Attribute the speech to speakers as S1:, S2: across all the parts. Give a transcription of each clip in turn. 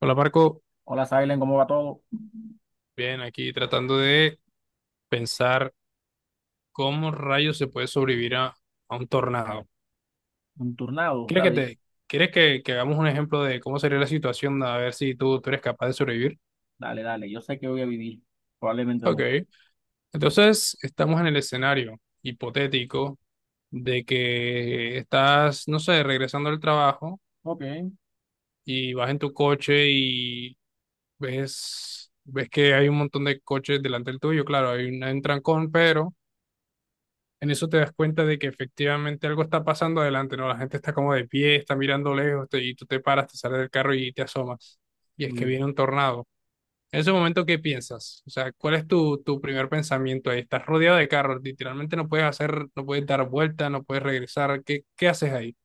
S1: Hola Marco,
S2: Hola, Silen, ¿cómo va todo?
S1: bien, aquí tratando de pensar cómo rayos se puede sobrevivir a un tornado.
S2: Un turnado,
S1: ¿Quieres que
S2: ¿sabes?
S1: te, quieres que hagamos un ejemplo de cómo sería la situación a ver si tú eres capaz de sobrevivir?
S2: Dale, dale, yo sé que voy a vivir, probablemente
S1: Ok,
S2: no.
S1: entonces estamos en el escenario hipotético de que estás, no sé, regresando al trabajo
S2: Ok.
S1: y vas en tu coche y ves que hay un montón de coches delante del tuyo, claro, hay un trancón, pero en eso te das cuenta de que efectivamente algo está pasando adelante, ¿no? La gente está como de pie, está mirando lejos y tú te paras, te sales del carro y te asomas. Y es que
S2: Mm.
S1: viene un tornado. En ese momento, ¿qué piensas? O sea, ¿cuál es tu primer pensamiento ahí? Estás rodeado de carros, literalmente no puedes dar vuelta, no puedes regresar. ¿ qué haces ahí?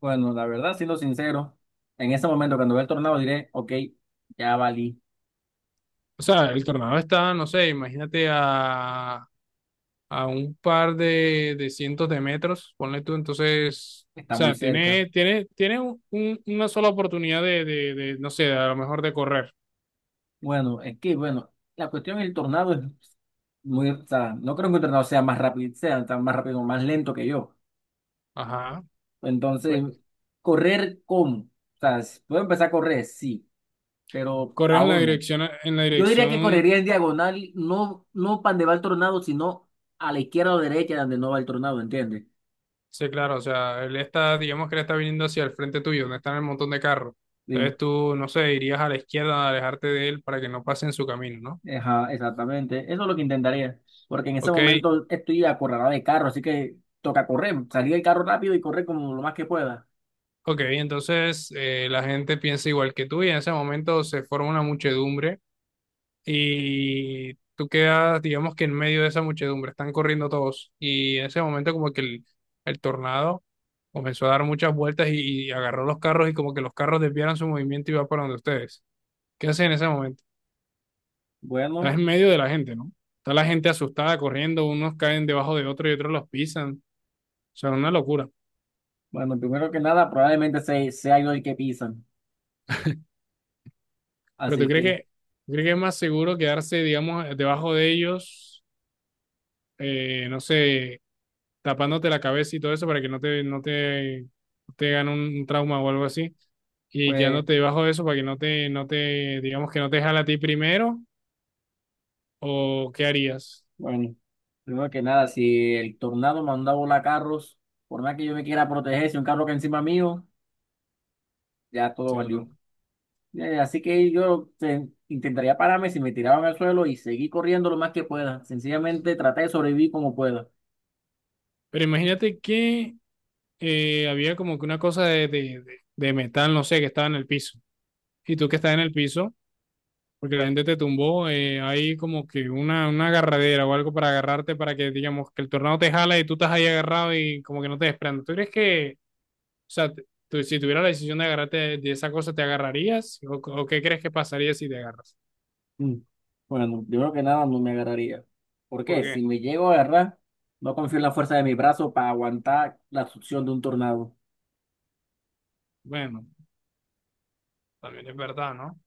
S2: Bueno, la verdad, siendo sincero, en ese momento cuando vea el tornado diré, ok, ya valí,
S1: O sea, el tornado está, no sé, imagínate a un par de cientos de metros, ponle tú, entonces, o
S2: está muy
S1: sea,
S2: cerca.
S1: tiene una sola oportunidad no sé, a lo mejor de correr.
S2: Bueno, es que, bueno, la cuestión del tornado es muy, o sea, no creo que un tornado sea más rápido, sea tan más rápido más lento que yo.
S1: Ajá. Pues
S2: Entonces, correr cómo, o sea, puedo empezar a correr, sí, pero ¿a
S1: corres en la
S2: dónde?
S1: en la
S2: Yo diría que
S1: dirección,
S2: correría en diagonal, no, no para donde va el tornado, sino a la izquierda o derecha donde no va el tornado, ¿entiendes?
S1: sí, claro, o sea, él está, digamos que él está viniendo hacia el frente tuyo, donde están el montón de carros.
S2: Sí,
S1: Entonces tú, no sé, irías a la izquierda a alejarte de él para que no pase en su camino, ¿no?
S2: ajá, exactamente. Eso es lo que intentaría, porque en ese
S1: Ok,
S2: momento estoy acorralado de carro, así que toca correr, salir del carro rápido y correr como lo más que pueda.
S1: ok, entonces la gente piensa igual que tú y en ese momento se forma una muchedumbre y tú quedas, digamos que en medio de esa muchedumbre, están corriendo todos y en ese momento como que el tornado comenzó a dar muchas vueltas y agarró los carros y como que los carros desviaron su movimiento y va para donde ustedes. ¿Qué hacen en ese momento? Estás
S2: Bueno,
S1: en medio de la gente, ¿no? Está la gente asustada corriendo, unos caen debajo de otros y otros los pisan. O sea, una locura.
S2: bueno, primero que nada, probablemente se, sea yo el que pisan,
S1: Pero tú
S2: así
S1: crees
S2: que,
S1: que, tú crees que es más seguro quedarse, digamos, debajo de ellos, no sé, tapándote la cabeza y todo eso para que no te gane un trauma o algo así. Y
S2: pues,
S1: quedándote debajo de eso para que digamos que no te jala a ti primero, o qué harías,
S2: bueno, primero que nada, si el tornado mandaba a volar carros, por más que yo me quiera proteger, si un carro que encima mío, ya todo
S1: ¿cierto?
S2: valió. Así que yo intentaría pararme si me tiraban al suelo y seguir corriendo lo más que pueda. Sencillamente traté de sobrevivir como pueda.
S1: Pero imagínate que había como que una cosa de metal, no sé, que estaba en el piso. Y tú que estás en el piso, porque la gente te tumbó, hay como que una agarradera o algo para agarrarte para que, digamos, que el tornado te jala y tú estás ahí agarrado y como que no te desprendas. ¿Tú crees que O sea, te- si tuvieras la decisión de agarrarte de esa cosa, ¿te agarrarías? ¿ o qué crees que pasaría si te agarras?
S2: Mm. Bueno, yo creo que nada no me agarraría. ¿Por qué? Si
S1: Porque,
S2: me llego a agarrar, no confío en la fuerza de mi brazo para aguantar la succión de un tornado.
S1: bueno, también es verdad, ¿no? O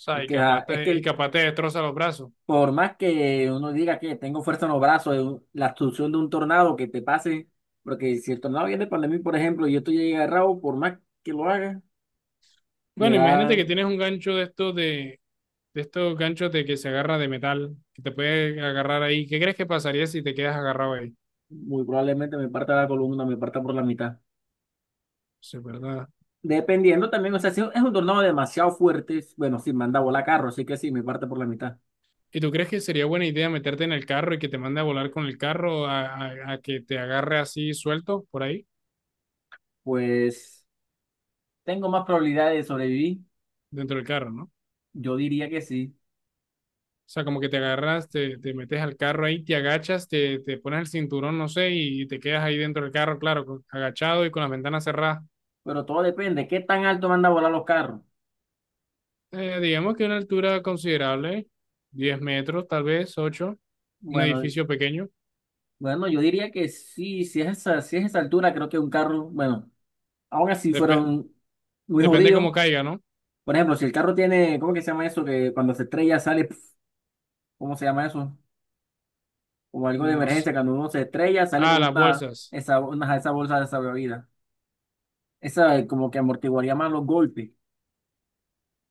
S1: sea,
S2: Es que, es que
S1: y capaz te destroza los brazos.
S2: por más que uno diga que tengo fuerza en los brazos, la succión de un tornado que te pase, porque si el tornado viene para mí, por ejemplo, y yo estoy agarrado, por más que lo haga, me
S1: Bueno,
S2: va.
S1: imagínate que tienes un gancho de estos ganchos de que se agarra de metal, que te puede agarrar ahí. ¿Qué crees que pasaría si te quedas agarrado ahí?
S2: Muy probablemente me parta la columna, me parta por la mitad.
S1: Eso es verdad.
S2: Dependiendo también, o sea, si es un tornado demasiado fuerte, bueno, si manda a volar carro, así que sí, me parte por la mitad.
S1: ¿Y tú crees que sería buena idea meterte en el carro y que te mande a volar con el carro a que te agarre así suelto por ahí?
S2: Pues tengo más probabilidades de sobrevivir,
S1: Dentro del carro, ¿no?
S2: yo diría que sí,
S1: O sea, como que te te metes al carro ahí, te agachas, te pones el cinturón, no sé, y te quedas ahí dentro del carro, claro, con- agachado y con las ventanas cerradas.
S2: pero todo depende, ¿qué tan alto manda a volar los carros?
S1: Digamos que una altura considerable, 10 metros, tal vez, 8, un
S2: Bueno,
S1: edificio pequeño.
S2: bueno, yo diría que sí, si es esa, si es esa altura, creo que un carro, bueno, aún así
S1: Dep-
S2: fueron muy
S1: depende
S2: jodidos.
S1: cómo caiga, ¿no?
S2: Por ejemplo, si el carro tiene, ¿cómo que se llama eso? Que cuando se estrella sale, pf, ¿cómo se llama eso? O algo de
S1: No sé.
S2: emergencia, cuando uno se estrella, sale
S1: Ah,
S2: como
S1: las bolsas,
S2: una, esa bolsa de salvavidas. Esa como que amortiguaría más los golpes.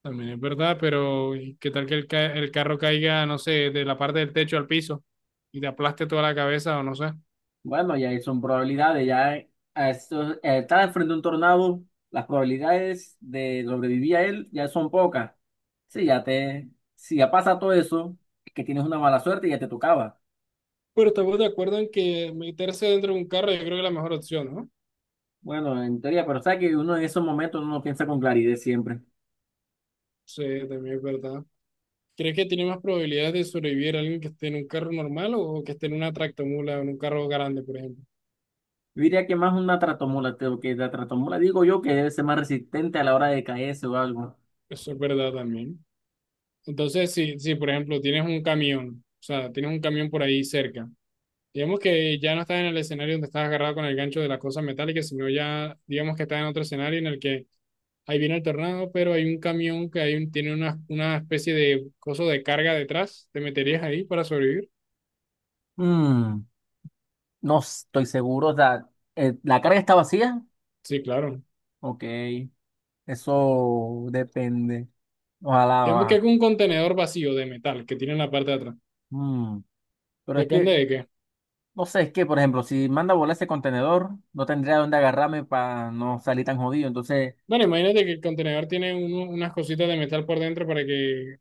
S1: también es verdad, pero ¿y ¿qué tal que el carro caiga, no sé, de la parte del techo al piso y te aplaste toda la cabeza o no sé?
S2: Bueno, ya ahí son probabilidades, ya a esto, estar frente a un tornado, las probabilidades de sobrevivir a él ya son pocas. Sí, ya te, si ya pasa todo eso, es que tienes una mala suerte y ya te tocaba.
S1: Pero estamos de acuerdo en que meterse dentro de un carro yo creo que es la mejor opción, ¿no?
S2: Bueno, en teoría, pero sabes que uno en esos momentos no piensa con claridad siempre.
S1: Sí, también es verdad. ¿Crees que tiene más probabilidades de sobrevivir alguien que esté en un carro normal o que esté en una tractomula o en un carro grande, por ejemplo?
S2: Yo diría que más una tratomola, que la tratomola digo yo que debe ser más resistente a la hora de caerse o algo.
S1: Eso es verdad también. Entonces, si por ejemplo tienes un camión, o sea, tienes un camión por ahí cerca, digamos que ya no estás en el escenario donde estás agarrado con el gancho de la cosa metálica, sino ya, digamos que estás en otro escenario en el que ahí viene el tornado, pero hay un camión que tiene una especie de coso de carga detrás, ¿te meterías ahí para sobrevivir?
S2: Mm, no estoy seguro. O sea, ¿la carga está vacía?
S1: Sí, claro.
S2: Ok, eso depende. Ojalá
S1: Digamos que es
S2: va.
S1: un contenedor vacío de metal que tiene en la parte de atrás.
S2: Mm, pero es que,
S1: Depende de qué.
S2: no sé, es que, por ejemplo, si manda a volar ese contenedor, no tendría dónde agarrarme para no salir tan jodido. Entonces,
S1: Bueno, imagínate que el contenedor tiene uno- unas cositas de metal por dentro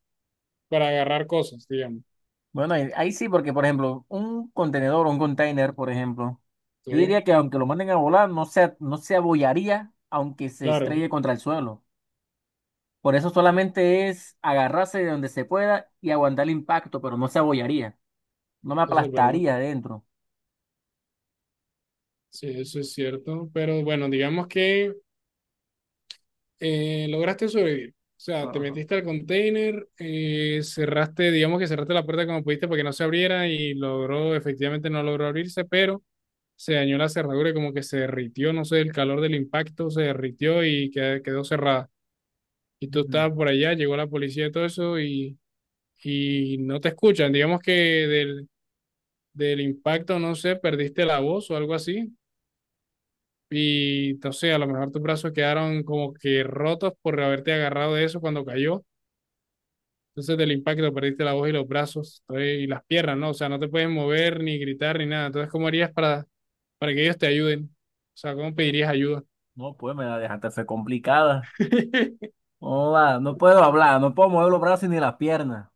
S1: para agarrar cosas, digamos.
S2: bueno, ahí, ahí sí, porque, por ejemplo, un contenedor o un container, por ejemplo, yo
S1: Sí,
S2: diría que aunque lo manden a volar, no se, no se abollaría aunque se
S1: claro,
S2: estrelle contra el suelo. Por eso solamente es agarrarse de donde se pueda y aguantar el impacto, pero no se abollaría, no me
S1: eso es verdad.
S2: aplastaría adentro.
S1: Sí, eso es cierto. Pero bueno, digamos que lograste sobrevivir. O sea, te
S2: Ajá.
S1: metiste al container, cerraste, digamos que cerraste la puerta como pudiste para que no se abriera y logró, efectivamente no logró abrirse, pero se dañó la cerradura y como que se derritió, no sé, el calor del impacto se derritió y que- quedó cerrada. Y tú
S2: Mm,
S1: estabas por allá, llegó la policía y todo eso y no te escuchan. Digamos que del impacto, no sé, perdiste la voz o algo así. Y no sé, a lo mejor tus brazos quedaron como que rotos por haberte agarrado de eso cuando cayó. Entonces del impacto perdiste la voz y los brazos entonces, y las piernas, ¿no? O sea, no te puedes mover ni gritar ni nada. Entonces, ¿cómo harías para que ellos te ayuden? O sea, ¿cómo pedirías ayuda?
S2: no, pues me la dejaste hacer complicada. No, va, no puedo hablar, no puedo mover los brazos ni las piernas.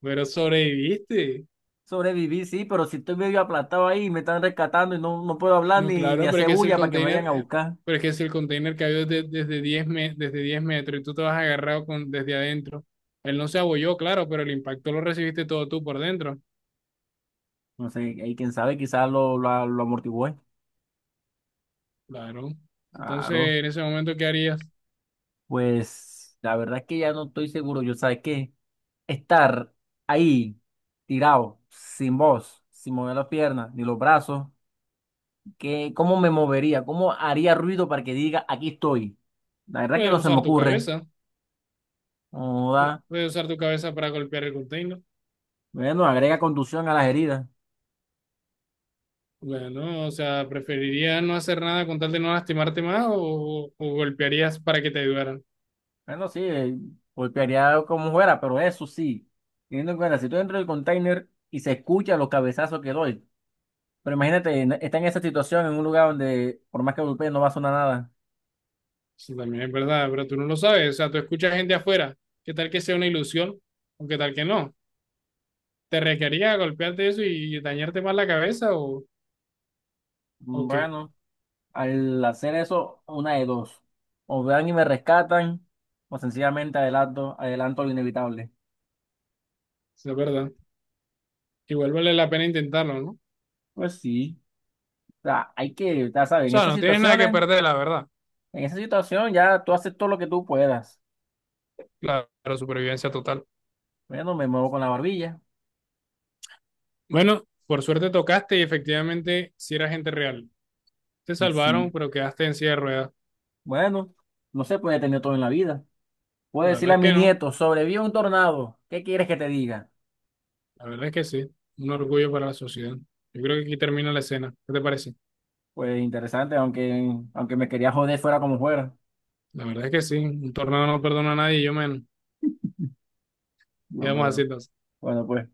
S1: Pero sobreviviste.
S2: Sobreviví, sí, pero si estoy medio aplastado ahí, me están rescatando y no, no puedo hablar
S1: No,
S2: ni, ni
S1: claro, pero es
S2: hacer
S1: que es el
S2: bulla para que me vayan
S1: container,
S2: a buscar.
S1: pero es que es el container que había desde desde 10 metros y tú te vas agarrado con, desde adentro. Él no se abolló, claro, pero el impacto lo recibiste todo tú por dentro.
S2: No sé, ahí quién sabe, quizás lo amortigué.
S1: Claro. Entonces,
S2: Claro,
S1: en ese momento, ¿qué harías?
S2: pues la verdad es que ya no estoy seguro. Yo, ¿sabes qué? Estar ahí tirado, sin voz, sin mover las piernas ni los brazos, ¿qué, cómo me movería? ¿Cómo haría ruido para que diga aquí estoy? La verdad que
S1: Puedes
S2: no se me
S1: usar tu
S2: ocurre.
S1: cabeza.
S2: No da.
S1: Puedes usar tu cabeza para golpear el container.
S2: Bueno, agrega contusión a las heridas.
S1: Bueno, o sea, ¿preferirías no hacer nada con tal de no lastimarte más o golpearías para que te ayudaran?
S2: Bueno, sí, golpearía como fuera, pero eso sí, teniendo en cuenta, si estoy dentro del container y se escuchan los cabezazos que doy, pero imagínate, está en esa situación, en un lugar donde por más que golpee no va a sonar nada.
S1: Eso también es verdad, pero tú no lo sabes. O sea, tú escuchas gente afuera. ¿Qué tal que sea una ilusión o qué tal que no? ¿Te requería golpearte eso y dañarte más la cabeza o
S2: Mm.
S1: qué?
S2: Bueno. Al hacer eso, una de dos. O vean y me rescatan, o sencillamente adelanto, adelanto lo inevitable.
S1: Es verdad. Igual vale la pena intentarlo, ¿no? O
S2: Pues sí. O sea, hay que, ya sabes, en
S1: sea,
S2: esas
S1: no tienes nada que
S2: situaciones,
S1: perder, la verdad.
S2: en esa situación ya tú haces todo lo que tú puedas.
S1: Claro, supervivencia total.
S2: Bueno, me muevo con la barbilla.
S1: Bueno, por suerte tocaste y efectivamente si era gente real. Te
S2: Sí.
S1: salvaron, pero quedaste en silla de ruedas.
S2: Bueno, no se puede tener todo en la vida. Puedo
S1: La verdad
S2: decirle a
S1: es
S2: mi
S1: que no.
S2: nieto, sobrevive un tornado. ¿Qué quieres que te diga?
S1: La verdad es que sí. Un orgullo para la sociedad. Yo creo que aquí termina la escena. ¿Qué te parece?
S2: Pues interesante, aunque, aunque me quería joder fuera como fuera.
S1: La verdad es que sí. Un tornado no perdona a nadie y yo menos.
S2: Dios
S1: Quedamos así
S2: mío.
S1: entonces.
S2: Bueno, pues.